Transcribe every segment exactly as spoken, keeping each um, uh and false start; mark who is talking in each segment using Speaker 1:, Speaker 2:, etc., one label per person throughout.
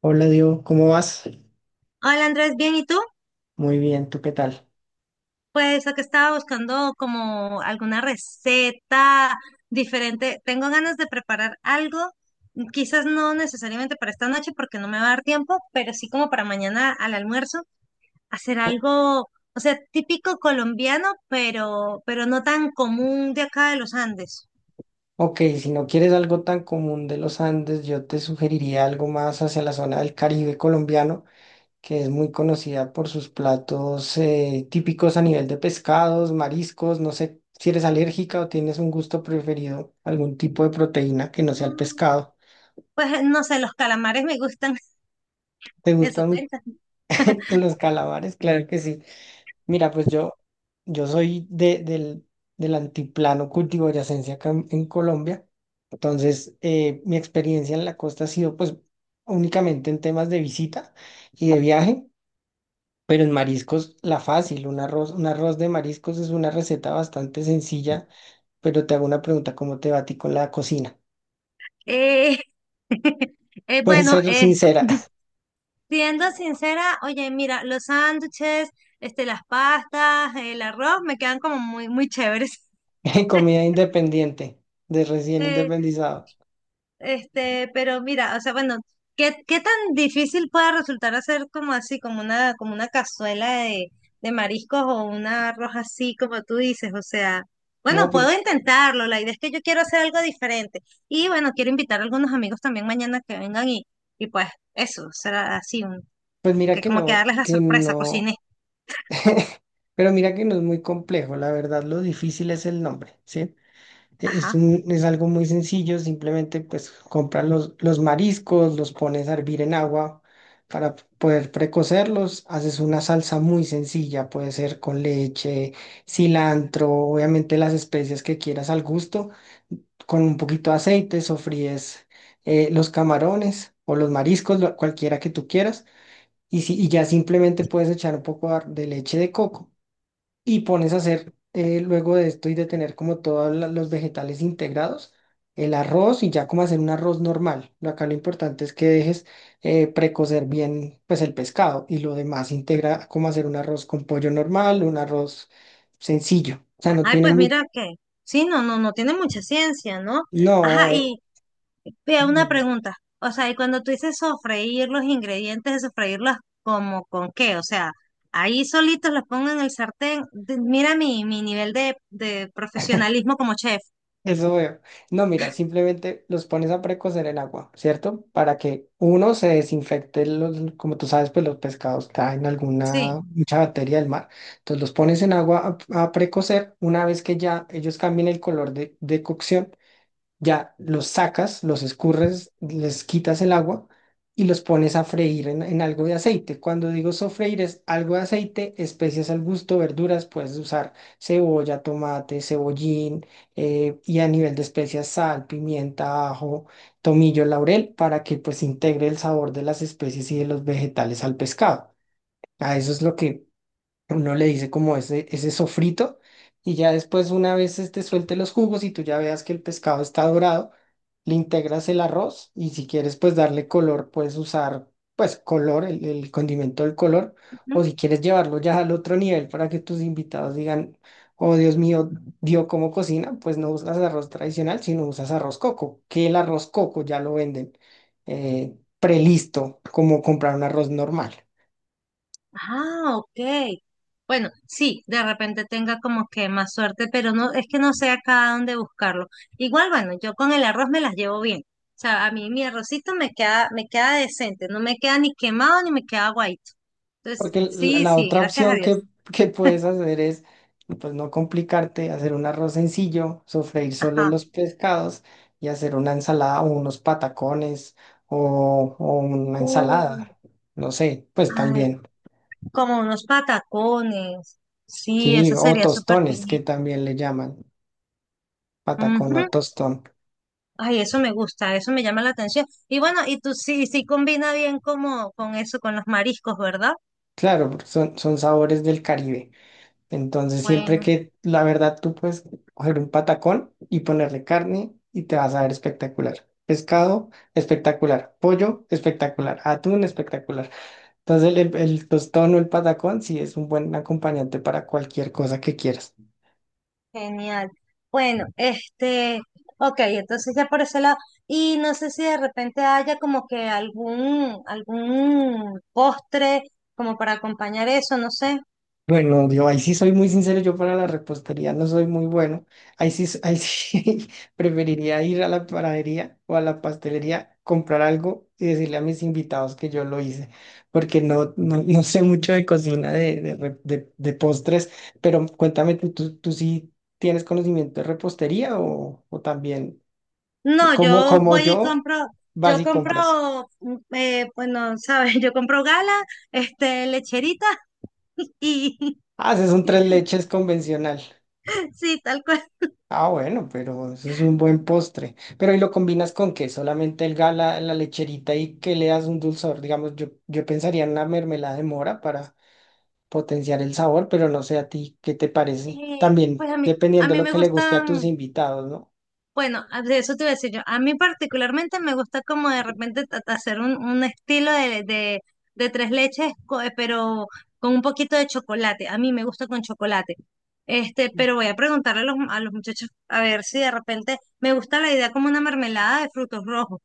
Speaker 1: Hola Diego, ¿cómo vas?
Speaker 2: Hola Andrés, ¿bien? ¿Y tú?
Speaker 1: Muy bien, ¿tú qué tal?
Speaker 2: Pues lo que estaba buscando como alguna receta diferente. Tengo ganas de preparar algo, quizás no necesariamente para esta noche porque no me va a dar tiempo, pero sí como para mañana al almuerzo, hacer algo, o sea, típico colombiano, pero, pero no tan común de acá de los Andes.
Speaker 1: Ok, si no quieres algo tan común de los Andes, yo te sugeriría algo más hacia la zona del Caribe colombiano, que es muy conocida por sus platos eh, típicos a nivel de pescados, mariscos. No sé si eres alérgica o tienes un gusto preferido, algún tipo de proteína que no sea el
Speaker 2: Mm.
Speaker 1: pescado.
Speaker 2: Pues no sé, los calamares me gustan,
Speaker 1: ¿Te
Speaker 2: eso
Speaker 1: gustan
Speaker 2: cuenta.
Speaker 1: los calamares? Claro que sí. Mira, pues yo, yo soy de, del, del antiplano cundiboyacense acá en, en Colombia. Entonces, eh, mi experiencia en la costa ha sido pues únicamente en temas de visita y de viaje, pero en mariscos la fácil, un arroz, un arroz de mariscos es una receta bastante sencilla, pero te hago una pregunta, ¿cómo te va a ti con la cocina?
Speaker 2: Eh, eh,
Speaker 1: Puedes
Speaker 2: bueno,
Speaker 1: ser
Speaker 2: eh,
Speaker 1: sincera,
Speaker 2: Siendo sincera, oye, mira, los sándwiches, este, las pastas, el arroz me quedan como muy, muy chéveres.
Speaker 1: comida independiente, de recién
Speaker 2: Eh,
Speaker 1: independizado.
Speaker 2: este, pero mira, o sea, bueno, ¿qué, qué tan difícil puede resultar hacer como así, como una, como una cazuela de, de mariscos o un arroz así, como tú dices? O sea, bueno,
Speaker 1: No, pero
Speaker 2: puedo intentarlo. La idea es que yo quiero hacer algo diferente. Y bueno, quiero invitar a algunos amigos también mañana que vengan y, y pues eso, será así, un-
Speaker 1: pues mira
Speaker 2: que
Speaker 1: que
Speaker 2: como que
Speaker 1: no,
Speaker 2: darles la
Speaker 1: que
Speaker 2: sorpresa,
Speaker 1: no.
Speaker 2: cociné.
Speaker 1: Pero mira que no es muy complejo, la verdad lo difícil es el nombre, ¿sí? E- Es
Speaker 2: Ajá.
Speaker 1: un, es algo muy sencillo, simplemente pues compras los, los mariscos, los pones a hervir en agua para poder precocerlos, haces una salsa muy sencilla, puede ser con leche, cilantro, obviamente las especias que quieras al gusto, con un poquito de aceite sofríes eh, los camarones o los mariscos, lo- cualquiera que tú quieras, y, si, y ya simplemente puedes echar un poco de de leche de coco y pones a hacer eh, luego de esto y de tener como todos la- los vegetales integrados, el arroz y ya como hacer un arroz normal. Lo- Acá lo importante es que dejes eh, precocer bien pues el pescado y lo demás integra como hacer un arroz con pollo normal, un arroz sencillo. O sea, no
Speaker 2: Ay,
Speaker 1: tiene
Speaker 2: pues
Speaker 1: mucho.
Speaker 2: mira que, sí, no, no, no tiene mucha ciencia, ¿no?
Speaker 1: No,
Speaker 2: Ajá,
Speaker 1: eh,
Speaker 2: y vea una
Speaker 1: dime.
Speaker 2: pregunta. O sea, y cuando tú dices sofreír los ingredientes de sofreírlos, ¿como con qué? O sea, ahí solitos los pongo en el sartén. De- Mira mi, mi nivel de, de profesionalismo como chef.
Speaker 1: Eso veo. No, mira, simplemente los pones a precocer en agua, ¿cierto? Para que uno se desinfecte los, como tú sabes, pues los pescados traen
Speaker 2: Sí.
Speaker 1: alguna mucha bacteria del mar. Entonces los pones en agua a, a precocer. Una vez que ya ellos cambien el color de, de cocción, ya los sacas, los escurres, les quitas el agua y los pones a freír en, en algo de aceite. Cuando digo sofreír es algo de aceite, especias al gusto, verduras, puedes usar cebolla, tomate, cebollín, eh, y a nivel de especias sal, pimienta, ajo, tomillo, laurel para que pues integre el sabor de las especies y de los vegetales al pescado. A eso es lo que uno le dice como ese, ese sofrito, y ya después una vez este suelte los jugos y tú ya veas que el pescado está dorado, le integras el arroz, y si quieres pues darle color, puedes usar pues color, el, el condimento del color, o si quieres llevarlo ya al otro nivel para que tus invitados digan, oh Dios mío, dio cómo cocina, pues no usas arroz tradicional, sino usas arroz coco, que el arroz coco ya lo venden eh, prelisto, como comprar un arroz normal.
Speaker 2: Ah, ok. Bueno, sí, de repente tenga como que más suerte, pero no, es que no sé acá dónde buscarlo. Igual, bueno, yo con el arroz me las llevo bien. O sea, a mí mi arrocito me queda, me queda decente, no me queda ni quemado ni me queda guaito. Entonces,
Speaker 1: Porque la
Speaker 2: sí,
Speaker 1: la
Speaker 2: sí,
Speaker 1: otra
Speaker 2: gracias a
Speaker 1: opción
Speaker 2: Dios.
Speaker 1: que, que puedes hacer es, pues no complicarte, hacer un arroz sencillo, sofreír solo
Speaker 2: Ajá.
Speaker 1: los pescados y hacer una ensalada o unos patacones o, o una
Speaker 2: Uh,
Speaker 1: ensalada, no sé, pues
Speaker 2: ay,
Speaker 1: también,
Speaker 2: como unos patacones. Sí,
Speaker 1: sí,
Speaker 2: eso
Speaker 1: o
Speaker 2: sería súper
Speaker 1: tostones
Speaker 2: genial.
Speaker 1: que también le llaman, patacón o
Speaker 2: Ujú.
Speaker 1: tostón.
Speaker 2: Ay, eso me gusta, eso me llama la atención. Y bueno, y tú sí, sí combina bien como con eso, con los mariscos, ¿verdad?
Speaker 1: Claro, porque son, son sabores del Caribe. Entonces, siempre
Speaker 2: Bueno,
Speaker 1: que la verdad tú puedes coger un patacón y ponerle carne y te vas a ver espectacular. Pescado, espectacular. Pollo, espectacular. Atún, espectacular. Entonces, el, el tostón o el patacón sí es un buen acompañante para cualquier cosa que quieras.
Speaker 2: genial. Bueno, este, ok, entonces ya por ese lado. Y no sé si de repente haya como que algún, algún postre como para acompañar eso, no sé.
Speaker 1: Bueno, yo ahí sí soy muy sincero, yo para la repostería no soy muy bueno. Ahí sí, s- ahí sí preferiría ir a la panadería o a la pastelería, comprar algo y decirle a mis invitados que yo lo hice, porque no, no, no sé mucho de cocina, de, de, re- de- de postres, pero cuéntame, ¿tú, tú, tú sí tienes conocimiento de repostería o, o también,
Speaker 2: No,
Speaker 1: como,
Speaker 2: yo
Speaker 1: como
Speaker 2: voy y
Speaker 1: yo,
Speaker 2: compro,
Speaker 1: vas
Speaker 2: yo
Speaker 1: y compras?
Speaker 2: compro, mm, eh, bueno, sabes, yo compro gala, este, lecherita y
Speaker 1: Haces un tres leches convencional.
Speaker 2: sí, tal cual.
Speaker 1: Ah, bueno, pero eso es un buen postre. Pero ¿y lo combinas con qué? ¿Solamente el gala, la lecherita y que le das un dulzor? Digamos, yo, yo pensaría en una mermelada de mora para potenciar el sabor, pero no sé a ti, ¿qué te parece?
Speaker 2: Eh,
Speaker 1: También
Speaker 2: pues a mí, a
Speaker 1: dependiendo de
Speaker 2: mí
Speaker 1: lo
Speaker 2: me
Speaker 1: que le guste a tus
Speaker 2: gustan.
Speaker 1: invitados, ¿no?
Speaker 2: Bueno, a- de eso te iba a decir yo. A mí particularmente me gusta como de repente ta- ta- hacer un, un estilo de, de, de tres leches, co- eh, pero con un poquito de chocolate. A mí me gusta con chocolate. Este, pero voy a preguntarle a los, a los muchachos a ver si de repente me gusta la idea como una mermelada de frutos rojos,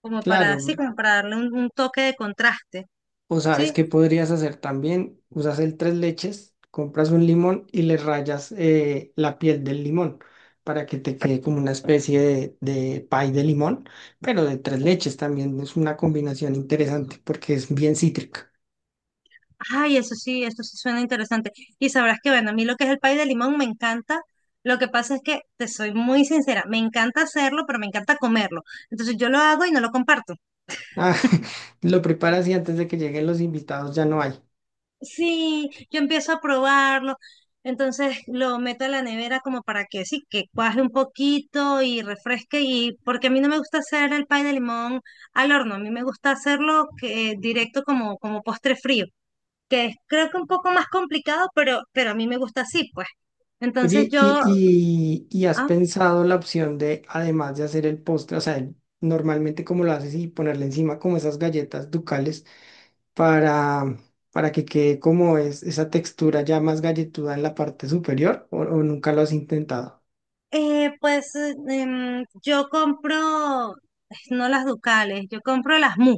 Speaker 2: como para
Speaker 1: Claro.
Speaker 2: así, como para darle un, un toque de contraste,
Speaker 1: O sabes
Speaker 2: ¿sí?
Speaker 1: qué podrías hacer también, usas el tres leches, compras un limón y le rayas eh, la piel del limón para que te quede como una especie de, de pie de limón, pero de tres leches también es una combinación interesante porque es bien cítrica.
Speaker 2: Ay, eso sí, eso sí suena interesante. Y sabrás que, bueno, a mí lo que es el pay de limón me encanta. Lo que pasa es que, te soy muy sincera, me encanta hacerlo, pero me encanta comerlo. Entonces yo lo hago y no lo comparto.
Speaker 1: Ah, lo preparas y antes de que lleguen los invitados ya no hay.
Speaker 2: Sí, yo empiezo a probarlo. Entonces lo meto a la nevera como para que sí, que cuaje un poquito y refresque. Y porque a mí no me gusta hacer el pay de limón al horno, a mí me gusta hacerlo que, directo como, como postre frío, que es creo que un poco más complicado, pero, pero a mí me gusta así, pues. Entonces
Speaker 1: Oye, y,
Speaker 2: yo.
Speaker 1: y, y has
Speaker 2: Ah,
Speaker 1: pensado la opción de, además de hacer el postre, o sea, el- normalmente como lo haces y ponerle encima como esas galletas ducales, para, para que quede como es esa textura ya más galletuda en la parte superior o, o nunca lo has intentado.
Speaker 2: eh, pues eh, em, yo compro, no las Ducales, yo compro las Mu.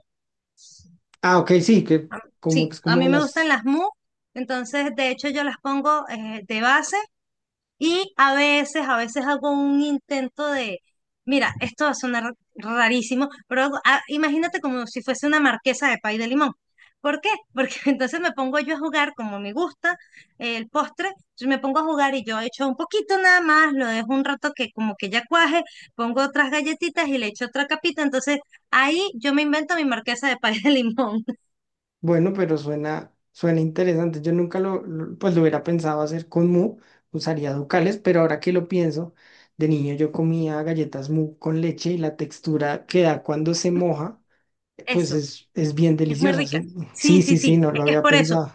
Speaker 1: Ah, ok, sí, que
Speaker 2: Ah,
Speaker 1: como
Speaker 2: sí,
Speaker 1: es
Speaker 2: a
Speaker 1: como
Speaker 2: mí me gustan
Speaker 1: las,
Speaker 2: las Mu, entonces de hecho yo las pongo eh, de base. Y a veces, a veces hago un intento de, mira, esto va a sonar rarísimo, pero hago- ah, imagínate como si fuese una marquesa de pay de limón. ¿Por qué? Porque entonces me pongo yo a jugar como me gusta eh, el postre, entonces me pongo a jugar y yo echo un poquito nada más, lo dejo un rato que como que ya cuaje, pongo otras galletitas y le echo otra capita, entonces ahí yo me invento mi marquesa de pay de limón.
Speaker 1: bueno, pero suena, suena interesante. Yo nunca lo, lo- pues lo hubiera pensado hacer con mu, usaría ducales, pero ahora que lo pienso, de niño yo comía galletas mu con leche, y la textura que da cuando se moja, pues
Speaker 2: Eso,
Speaker 1: es, es bien
Speaker 2: es muy
Speaker 1: deliciosa.
Speaker 2: rica.
Speaker 1: Su- Sí,
Speaker 2: Sí,
Speaker 1: sí,
Speaker 2: sí, sí,
Speaker 1: sí, no
Speaker 2: es
Speaker 1: lo
Speaker 2: que es
Speaker 1: había
Speaker 2: por eso.
Speaker 1: pensado.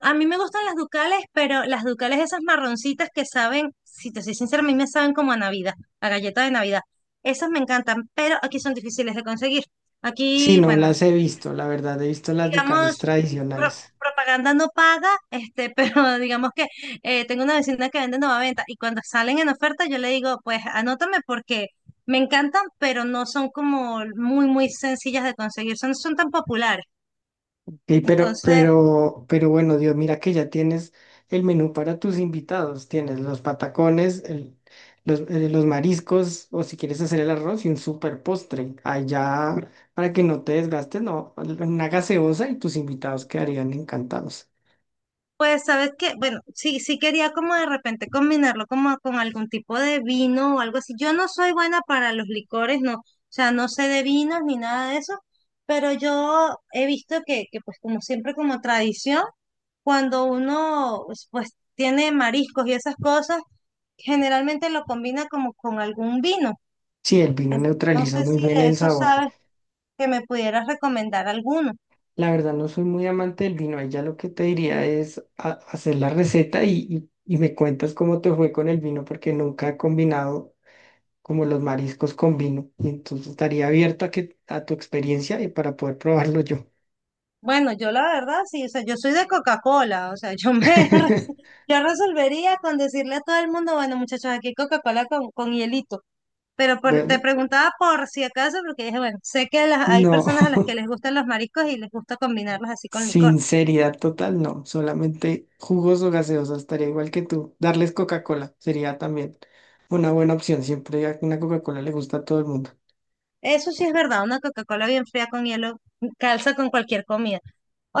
Speaker 2: A mí me gustan las ducales, pero las ducales esas marroncitas que saben, si te soy sincera, a mí me saben como a Navidad, a galleta de Navidad. Esas me encantan, pero aquí son difíciles de conseguir.
Speaker 1: Sí,
Speaker 2: Aquí,
Speaker 1: no
Speaker 2: bueno,
Speaker 1: las he visto, la verdad, he visto las
Speaker 2: digamos,
Speaker 1: ducales
Speaker 2: pro-
Speaker 1: tradicionales.
Speaker 2: propaganda no paga, este, pero digamos que eh, tengo una vecina que vende nueva venta y cuando salen en oferta yo le digo, pues anótame porque me encantan, pero no son como muy, muy sencillas de conseguir, son, son tan populares.
Speaker 1: Ey, pero,
Speaker 2: Entonces...
Speaker 1: pero, pero bueno, Dios, mira que ya tienes el menú para tus invitados. Tienes los patacones, el- los, eh, los mariscos, o si quieres hacer el arroz y un super postre. Allá, para que no te desgastes, no, una gaseosa y tus invitados quedarían encantados.
Speaker 2: Pues sabes que, bueno, sí, sí quería como de repente combinarlo como con algún tipo de vino o algo así. Yo no soy buena para los licores, no, o sea, no sé de vinos ni nada de eso, pero yo he visto que, que pues como siempre como tradición, cuando uno pues pues, tiene mariscos y esas cosas, generalmente lo combina como con algún vino.
Speaker 1: Sí, el vino
Speaker 2: Entonces, no
Speaker 1: neutraliza
Speaker 2: sé
Speaker 1: muy
Speaker 2: si
Speaker 1: bien
Speaker 2: de
Speaker 1: el
Speaker 2: eso
Speaker 1: sabor.
Speaker 2: sabes que me pudieras recomendar alguno.
Speaker 1: La verdad, no soy muy amante del vino. Ahí ya lo que te diría es ha- hacer la receta, y y y me cuentas cómo te fue con el vino, porque nunca he combinado como los mariscos con vino. Y entonces estaría abierto a que a tu experiencia y para poder probarlo yo.
Speaker 2: Bueno, yo la verdad sí, o sea, yo soy de Coca-Cola, o sea, yo me re- yo resolvería con decirle a todo el mundo, bueno, muchachos, aquí Coca-Cola con, con hielito. Pero por- te
Speaker 1: Bueno,
Speaker 2: preguntaba por si acaso, porque dije, bueno, sé que las- hay
Speaker 1: no.
Speaker 2: personas a las que les gustan los mariscos y les gusta combinarlos así con licor.
Speaker 1: Sinceridad total, no. Solamente jugos o gaseosas, estaría igual que tú. Darles Coca-Cola sería también una buena opción. Siempre a una Coca-Cola le gusta a todo el mundo.
Speaker 2: Eso sí es verdad, una Coca-Cola bien fría con hielo calza con cualquier comida.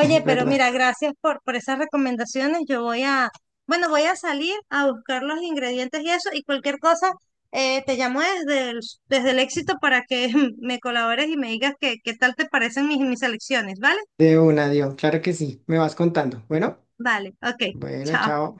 Speaker 1: Es
Speaker 2: pero
Speaker 1: verdad.
Speaker 2: mira, gracias por, por esas recomendaciones. Yo voy a, bueno, voy a salir a buscar los ingredientes y eso, y cualquier cosa, eh, te llamo desde el, desde el éxito para que me colabores y me digas qué, qué tal te parecen mis, mis selecciones, ¿vale?
Speaker 1: De una, Dios. Claro que sí. Me vas contando. Bueno,
Speaker 2: Vale, ok,
Speaker 1: bueno,
Speaker 2: chao.
Speaker 1: chao.